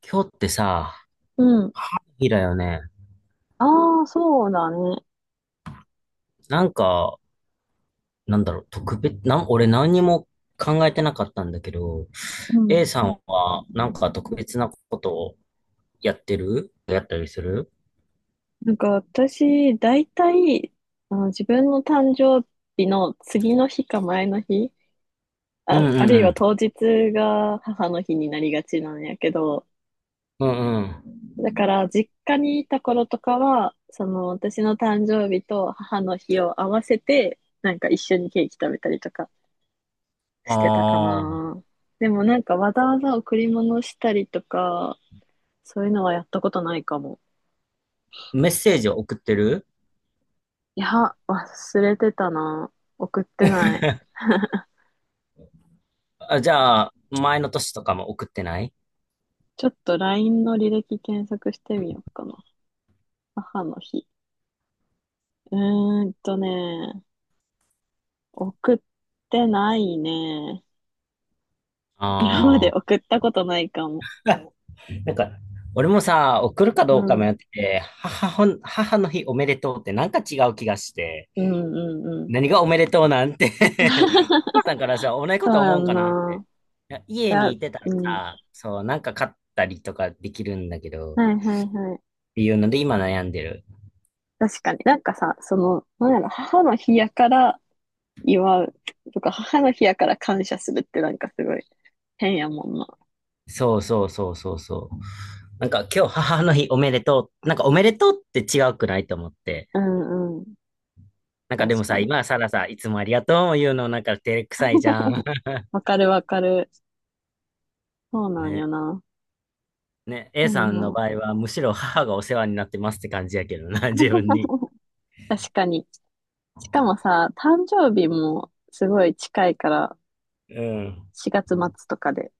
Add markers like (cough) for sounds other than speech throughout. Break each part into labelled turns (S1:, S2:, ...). S1: 今日ってさ、
S2: うん。
S1: 日だよね。
S2: ああ、そうだね。
S1: なんか、なんだろう、特別、なん、俺何にも考えてなかったんだけど、
S2: うん。
S1: A さんはなんか特別なことをやってるやったりする？
S2: なんか私、大体、あの、自分の誕生日の次の日か前の日、
S1: う
S2: あ、
S1: ん
S2: あ
S1: うんう
S2: るいは
S1: ん。
S2: 当日が母の日になりがちなんやけど、
S1: うんうん。
S2: だから実家にいた頃とかは、その私の誕生日と母の日を合わせて、なんか一緒にケーキ食べたりとかしてたか
S1: ああ、
S2: な。でもなんかわざわざ贈り物したりとか、そういうのはやったことないかも。
S1: メッセージを送ってる？
S2: いや、忘れてたな。送ってない。
S1: あ、じゃあ、前の年とかも送ってない？
S2: ちょっと LINE の履歴検索してみようかな。母の日。うーんとね、送ってないね。今まで
S1: ああ
S2: 送ったことないかも。
S1: ー、なんか、俺もさ、送るか
S2: う
S1: どうか
S2: ん。
S1: 迷ってて、母ほん、母の日おめでとうってなんか違う気がして、
S2: うんうんうん。
S1: 何がおめでとうなんて？ (laughs) お母
S2: (laughs)
S1: さんからさ、同じこ
S2: そ
S1: と
S2: うや
S1: 思うん
S2: ん
S1: かなって。
S2: な。
S1: いや
S2: い
S1: 家に
S2: や、
S1: いてたら
S2: うん。
S1: さ、そう、なんか買ったりとかできるんだけど、っ
S2: はいはいはい。
S1: ていうので今悩んでる。
S2: 確かになんかさ、その、なんやろ、母の日やから祝うとか、母の日やから感謝するってなんかすごい変やもんな。
S1: そうそうそうそうそう。なんか今日母の日おめでとう。なんかおめでとうって違うくないと思って。
S2: うんうん。
S1: なんかで
S2: 確
S1: も
S2: か
S1: さ、
S2: に。
S1: 今さらさ、いつもありがとうも言うのなんか照れくさいじゃん。
S2: (laughs) わかるわかる。そう
S1: (laughs)
S2: なんよ
S1: ね。
S2: な。
S1: ね。
S2: あ
S1: A さんの
S2: の、
S1: 場合はむしろ母がお世話になってますって感じやけどな、自分に。
S2: (laughs) 確かに。しかもさ、誕生日もすごい近いから、
S1: うん。
S2: 4月末とかで。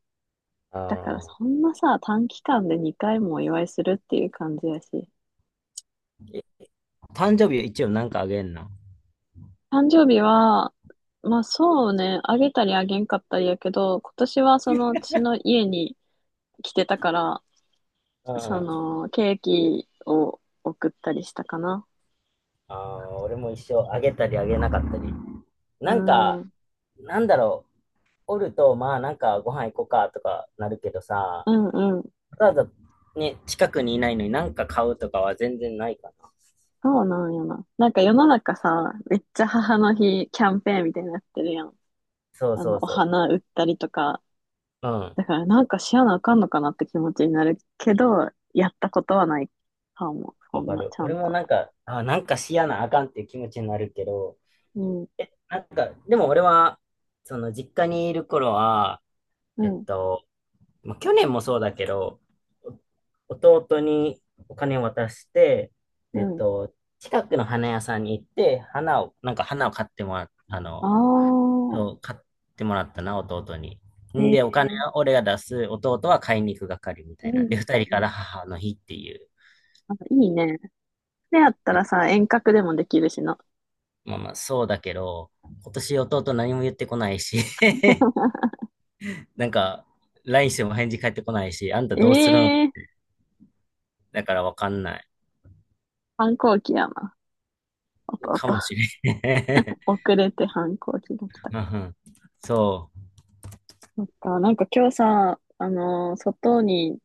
S2: だから
S1: あ
S2: そんなさ、短期間で2回もお祝いするっていう感じやし。
S1: ー、誕生日は一応なんかあげんの？
S2: 誕生日は、まあそうね、あげたりあげんかったりやけど、今年はそのうちの家に来てたから、
S1: うんうん。
S2: そ
S1: あ
S2: のケーキを送ったりしたかな。
S1: あ、俺も一生あげたりあげなかったり。
S2: う
S1: なん
S2: ん、
S1: か、
S2: うん
S1: なんだろう、おると、まあなんかご飯行こうかとかなるけどさ、
S2: うん、
S1: ただね、近くにいないのになんか買うとかは全然ないかな。
S2: そうなんよな。なんか世の中さ、めっちゃ母の日キャンペーンみたいになってるやん。
S1: そう
S2: あ
S1: そ
S2: の、
S1: う
S2: お
S1: そ
S2: 花売ったりとか。
S1: う。うん。
S2: だからなんかしやなあかんのかなって気持ちになるけど、やったことはないかも。そ
S1: わ
S2: ん
S1: か
S2: な、
S1: る。
S2: ちゃ
S1: 俺
S2: ん
S1: も
S2: と。
S1: なんか、あ、なんかしやなあかんっていう気持ちになるけど、
S2: うん、
S1: なんか、でも俺は、その実家にいる頃は、
S2: う
S1: えっ
S2: ん、
S1: と、まあ、去年もそうだけど、お弟にお金を渡して、
S2: う
S1: えっ
S2: ん。
S1: と、近くの花屋さんに行って、花を、なんか花を買ってもらっ、あの、
S2: ああ、
S1: そう買ってもらったな、弟に。
S2: え
S1: んで、お金
S2: え、
S1: は俺が出す、弟は買いに行く係みた
S2: う
S1: いな。
S2: ん、う
S1: で、
S2: ん
S1: 二人
S2: う
S1: か
S2: ん。
S1: ら母の日っていう。
S2: あ、いいね。でやった
S1: ね、
S2: らさ、遠隔でもできるしな。
S1: まあまあ、そうだけど、今年弟何も言ってこないし、(laughs) なんか、LINE しても返事返ってこないし、あんたどうするん？
S2: ええ、
S1: だからわかんない。
S2: 反抗期やな。弟。
S1: かもしれん。(laughs)
S2: 遅れて反抗期が来た
S1: (laughs) うんう
S2: か。
S1: ん。そ
S2: そっか、なんか今日さ、あの、外に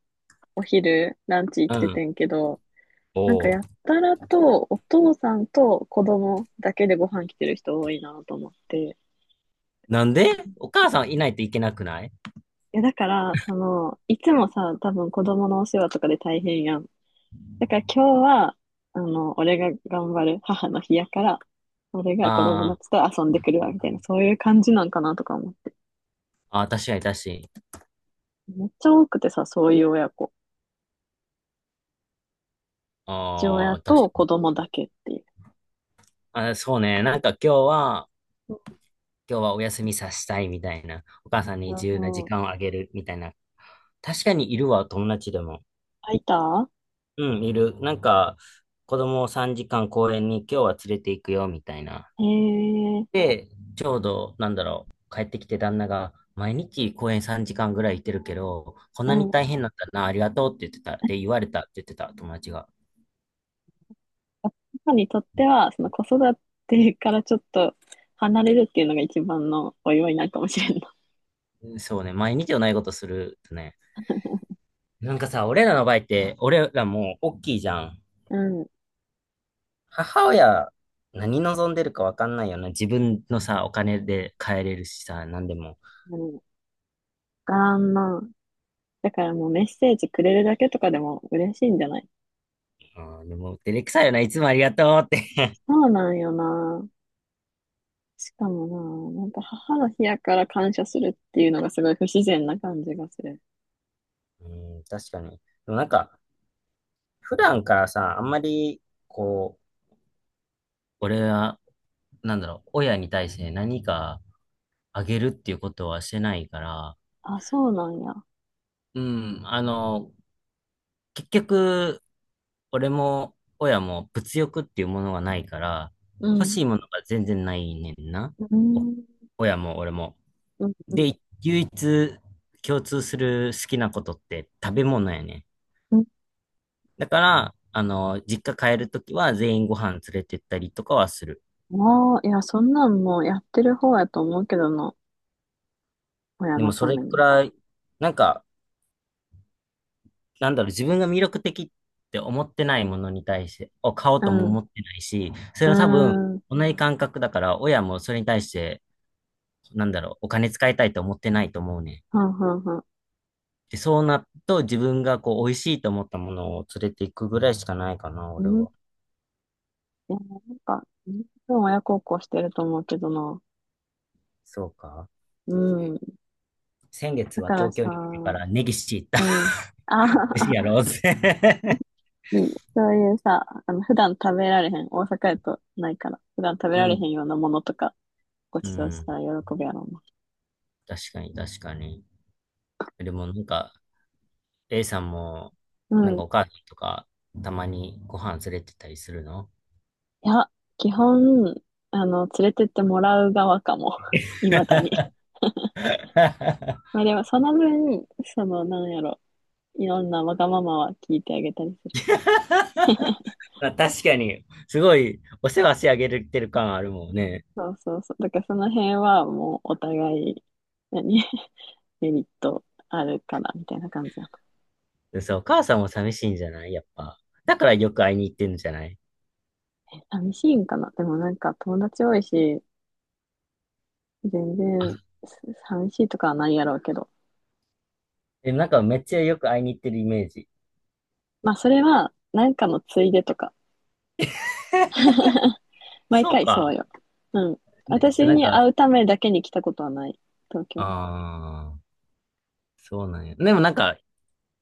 S2: お昼ランチ行っ
S1: う。う
S2: てて
S1: ん。
S2: んけど、
S1: お
S2: なんか
S1: お。
S2: やったらとお父さんと子供だけでご飯来てる人多いなと思って。
S1: なんでお母さんいないといけなくない？
S2: いやだから、その、いつもさ、多分子供のお世話とかで大変やん。だから今日は、あの、俺が頑張る母の日やから、俺
S1: あ
S2: が子供
S1: ー、
S2: たちと遊んでくるわ、みたいな、そういう感じなんかなとか思って。
S1: あー、確かに確かに。
S2: めっちゃ多くてさ、そういう親子。父
S1: あ
S2: 親
S1: あ、確か
S2: と子
S1: に。
S2: 供だけっていう。
S1: あ、そうね。なんか今日は、
S2: う
S1: 今日はお休みさせたいみたいな。お母
S2: ん
S1: さんに
S2: う
S1: 自由な
S2: ん
S1: 時
S2: うん。
S1: 間をあげるみたいな。確かにいるわ、友達でも。
S2: 空いた、
S1: うん、いる。なんか、子供を3時間公園に今日は連れて行くよみたいな。
S2: へえ。
S1: で、ちょうど、なんだろう、帰ってきて旦那が、毎日公園3時間ぐらい行ってるけど、こん
S2: う
S1: なに
S2: ん、
S1: 大変なんだな、ありがとうって言ってた、って言われたって言ってた、友達が。
S2: 母にとっては、その子育てからちょっと離れるっていうのが一番のお祝いなのかもしれんな。
S1: そうね、毎日同じことするとね。なんかさ、俺らの場合って、俺らもう大きいじゃん。
S2: うん。
S1: 母親、何望んでるかわかんないよな。自分のさ、お金で買えれるしさ、何でも。
S2: うん、あんな。だからもうメッセージくれるだけとかでも嬉しいんじゃない、
S1: うん、でも、照れくさいよな、いつもありがとうって。
S2: そうなんよな。しかもな、なんか母の日やから感謝するっていうのがすごい不自然な感じがする。
S1: (laughs) うん、確かに。でもなんか、普段からさ、あんまり、こう、俺はなんだろう、親に対して何かあげるっていうことはしてないから、
S2: あ、そうなんや。
S1: うん、あの、結局、俺も親も物欲っていうものがないから、
S2: う
S1: 欲
S2: ん。
S1: しいものが全然ないねんな。
S2: う
S1: お
S2: ん。
S1: 親も俺も。
S2: うん。う
S1: で、
S2: ん。
S1: 唯一共通する好きなことって食べ物やね
S2: うん、
S1: ん。だから、あの、実家帰るときは全員ご飯連れてったりとかはする。
S2: もう、いや、そんなんもうやってる方やと思うけどな。親
S1: で
S2: の
S1: もそ
S2: た
S1: れ
S2: め
S1: く
S2: に。
S1: らい、なんか、なんだろう、自分が魅力的って思ってないものに対して、を買おう
S2: う
S1: とも
S2: ん。
S1: 思ってないし、それ
S2: う
S1: は多分、
S2: ん。
S1: 同じ感覚だから、親もそれに対して、なんだろう、お金使いたいと思ってないと思うね。
S2: はんはんはん。
S1: で、そうなると、自分がこう、美味しいと思ったものを連れていくぐらいしかないかな、
S2: う
S1: 俺
S2: ん。
S1: は。
S2: いや、なんか、みんな親孝行してると思うけどな。
S1: そうか。
S2: うん。
S1: 先月
S2: だ
S1: は
S2: から
S1: 東京
S2: さ、
S1: に来てか
S2: う
S1: らネギシ行った。
S2: ん。あ
S1: (laughs) 美味しいや
S2: あ、
S1: ろうぜ。(laughs)
S2: (laughs) いい。そういうさ、あの、普段食べられへん。大阪やとないから。普段食べ
S1: う
S2: られへん
S1: ん。
S2: ようなものとか、ご
S1: う
S2: ちそうした
S1: ん。
S2: ら喜ぶやろう
S1: 確かに、確かに。でもなんか、A さんも、
S2: な。
S1: な
S2: う
S1: んか
S2: ん。
S1: お母さんとか、たまにご飯連れてったりするの？
S2: いや、基本、あの、連れてってもらう側かも。(laughs) いまだに。
S1: (laughs)
S2: まあでも、その分、その、なんやろ。いろんなわがままは聞いてあげたりする、
S1: まあ確かに、すごい、お世話してあげれてる感あるもんね。
S2: そうそうそう。だからその辺はもうお互い、何 (laughs) メリットあるかなみたいな感じなの。
S1: そう、お母さんも寂しいんじゃない、やっぱ。だからよく会いに行ってんじゃない？
S2: 寂しいんかな、でもなんか友達多いし、全然、す寂しいとかはないやろうけど。
S1: え、なんかめっちゃよく会いに行ってるイメージ。
S2: まあそれは、なんかのついでとか。(laughs) 毎
S1: そう
S2: 回そ
S1: か。
S2: うよ。うん。
S1: ね、
S2: 私
S1: なん
S2: に会
S1: か、
S2: うためだけに来たことはない。東京に。
S1: ああ、そうなんや。でもなんか、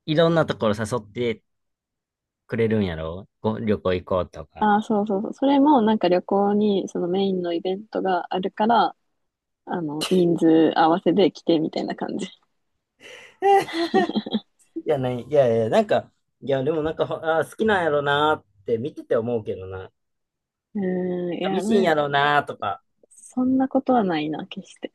S1: いろんなところ誘ってくれるんやろ？ご旅行行こうとか。
S2: ああ、そうそうそう。それもなんか旅行にそのメインのイベントがあるから、あの、人数合わせで来てみたいな感じ。
S1: (laughs) いや、ない、いやいや、なんか、いや、でもなんか、ほあー、好きなんやろなーって見てて思うけどな。
S2: うーん、いや、
S1: ミ
S2: な
S1: シン
S2: ん
S1: やろなーとか。
S2: そんなことはないな、決して。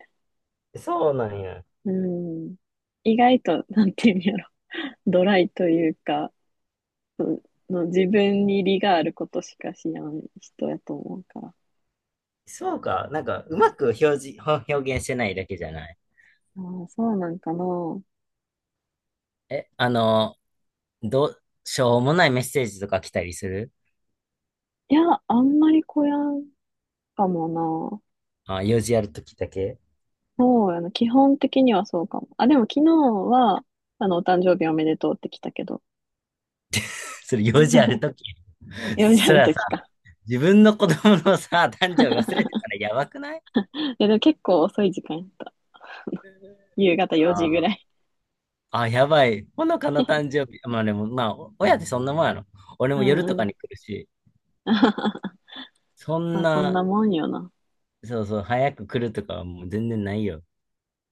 S1: そうなんや。
S2: うん。意外と、なんていうんやろ、(laughs) ドライというか、うんの自分に利があることしかしない人やと思うから。
S1: そうか。なんか、うまく表示、ほ表現してないだけじゃない。
S2: ああ、そうなんかな。
S1: え、あの、どう、しょうもないメッセージとか来たりする
S2: いや、あんまりこやんかもな。
S1: あ、用事あるときだけ？
S2: そうやな。基本的にはそうかも。あ、でも昨日は、あの、お誕生日おめでとうって来たけど、
S1: (laughs) それ用事あるとき。
S2: 4時あ
S1: そ
S2: る
S1: れはさ、
S2: 時か。
S1: 自分の子供のさ、誕生日忘れてたらやばくない？
S2: (laughs) いや、でも結構遅い時間やった。夕方
S1: あ
S2: 4時ぐ
S1: ー、
S2: らい。
S1: あ、やばい。ほのかの誕生日。まあでも、まあ、お親ってそんなもんやろ。俺
S2: う
S1: も夜と
S2: んう
S1: か
S2: ん。
S1: に来るし。
S2: (laughs)
S1: そん
S2: まあ、そん
S1: な、
S2: なもんよな。
S1: そうそう、早く来るとかはもう全然ないよ。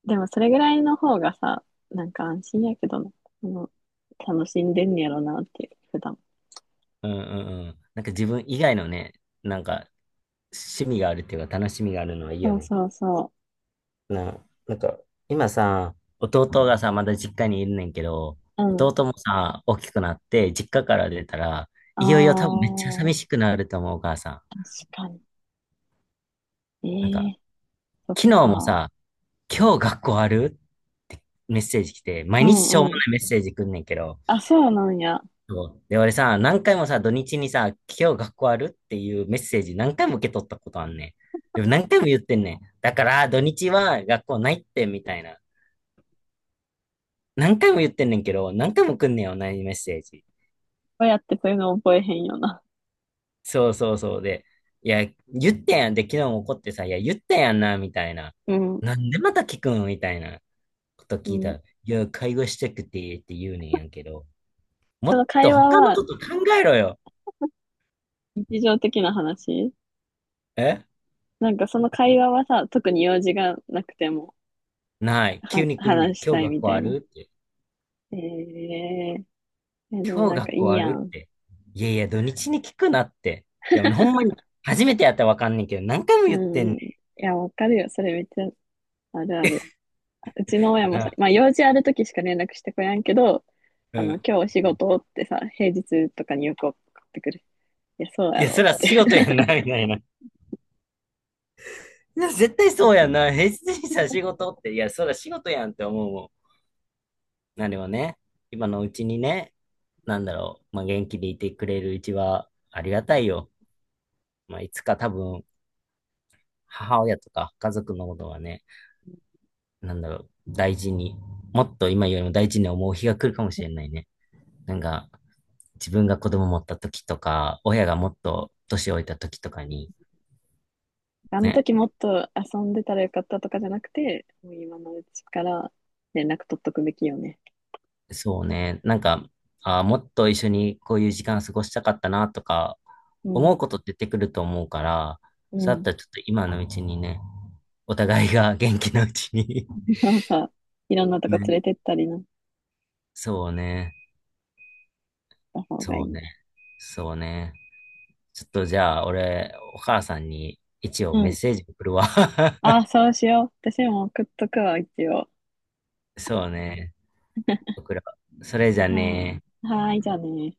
S2: でもそれぐらいの方がさ、なんか安心やけどな。あの、楽しんでんねやろなっていう、普段。
S1: うんうんうん。なんか自分以外のね、なんか趣味があるっていうか楽しみがあるのはいいよ
S2: そう
S1: ね。
S2: そうそ
S1: な、なんか今さ、弟がさ、まだ実家にいるねんけど、
S2: う。うん。
S1: 弟もさ、大きくなって実家から出たら、いよいよ多分め
S2: あ
S1: っちゃ寂
S2: あ、
S1: しくなると思う、お母さん。
S2: 確かに。え
S1: なんか、
S2: え、そっ
S1: 昨日も
S2: か。
S1: さ、今日学校ある？メッセージ来て、
S2: う
S1: 毎日しょうも
S2: んう
S1: ない
S2: ん。
S1: メッセージ来んねんけど、
S2: あ、そうなんや。
S1: そう。で、俺さ、何回もさ、土日にさ、今日学校あるっていうメッセージ何回も受け取ったことあんねん。でも何回も言ってんねん。だから、土日は学校ないって、みたいな。何回も言ってんねんけど、何回も来んねんよ、同じメッセージ。
S2: どうやってそういうの覚えへんよな。
S1: そうそうそうで。いや、言ってんやん。で、昨日も怒ってさ、いや、言ってんやんな、みたいな。
S2: うん。
S1: なんでまた聞くんみたいなこと
S2: う
S1: 聞いた
S2: ん。
S1: ら、いや、会話したくて、って言うねんやんけど、も
S2: その
S1: っと
S2: 会話
S1: 他の
S2: は
S1: こと考えろよ。
S2: 日常的な話
S1: え、
S2: なんか、その会話はさ、特に用事がなくても、
S1: ない。急
S2: は
S1: に来んねん。
S2: 話し
S1: 今
S2: た
S1: 日
S2: い
S1: 学
S2: みた
S1: 校
S2: い
S1: あ
S2: な。
S1: るって。
S2: ええ、え、でも
S1: 今日
S2: なんか
S1: 学
S2: い
S1: 校
S2: い
S1: あ
S2: や
S1: るっ
S2: ん。
S1: て。いやいや、土日に聞くなって。いや、ほんまに、初めてやったらわかんねんけど、何回も
S2: う
S1: 言って
S2: ん
S1: ん
S2: う
S1: ね
S2: ん。いや、わかるよ。それめっちゃあるある。うちの親
S1: ん
S2: もさ、
S1: な。
S2: まあ用事ある時しか連絡してこやんけど、
S1: う
S2: あの、
S1: ん。
S2: 今日お仕事ってさ、平日とかによく送ってくる。いや、そう
S1: い
S2: や
S1: や、そ
S2: ろっ
S1: ら
S2: て。
S1: 仕事やんな、みたいな。いや、絶対
S2: う
S1: そうやん
S2: ん、
S1: な。平日にさ、仕事って。いや、そら仕事やんって思うもん。なればね、今のうちにね、なんだろう、まあ、元気でいてくれるうちはありがたいよ。まあ、いつか多分、母親とか家族のことはね、なんだろう、大事に、もっと今よりも大事に思う日が来るかもしれないね。なんか、自分が子供持った時とか、親がもっと年老いた時とかに、
S2: あの
S1: ね、
S2: 時もっと遊んでたらよかったとかじゃなくて、もう今のうちから連絡取っとくべきよね。
S1: そうね、なんか、あーもっと一緒にこういう時間過ごしたかったなとか、
S2: う
S1: 思
S2: ん、
S1: うこと出てくると思うから、
S2: う
S1: そうだっ
S2: ん。
S1: たらちょっ
S2: (laughs)
S1: と今のうちにね、お互いが元気なうちに。
S2: でもさ、いろんなと
S1: (laughs)
S2: こ連
S1: ね、
S2: れてったりなっ
S1: そうね、
S2: た方がいい
S1: そう
S2: ね。
S1: ね、そうね。ちょっとじゃあ、俺、お母さんに一応
S2: う
S1: メッ
S2: ん。
S1: セージ送るわ。
S2: あ
S1: (laughs)
S2: あ、そうしよう。私も送っとくわ、一応。
S1: そうね、送ろう。それじゃ
S2: あ
S1: ね。
S2: あ、はーい、じゃあね。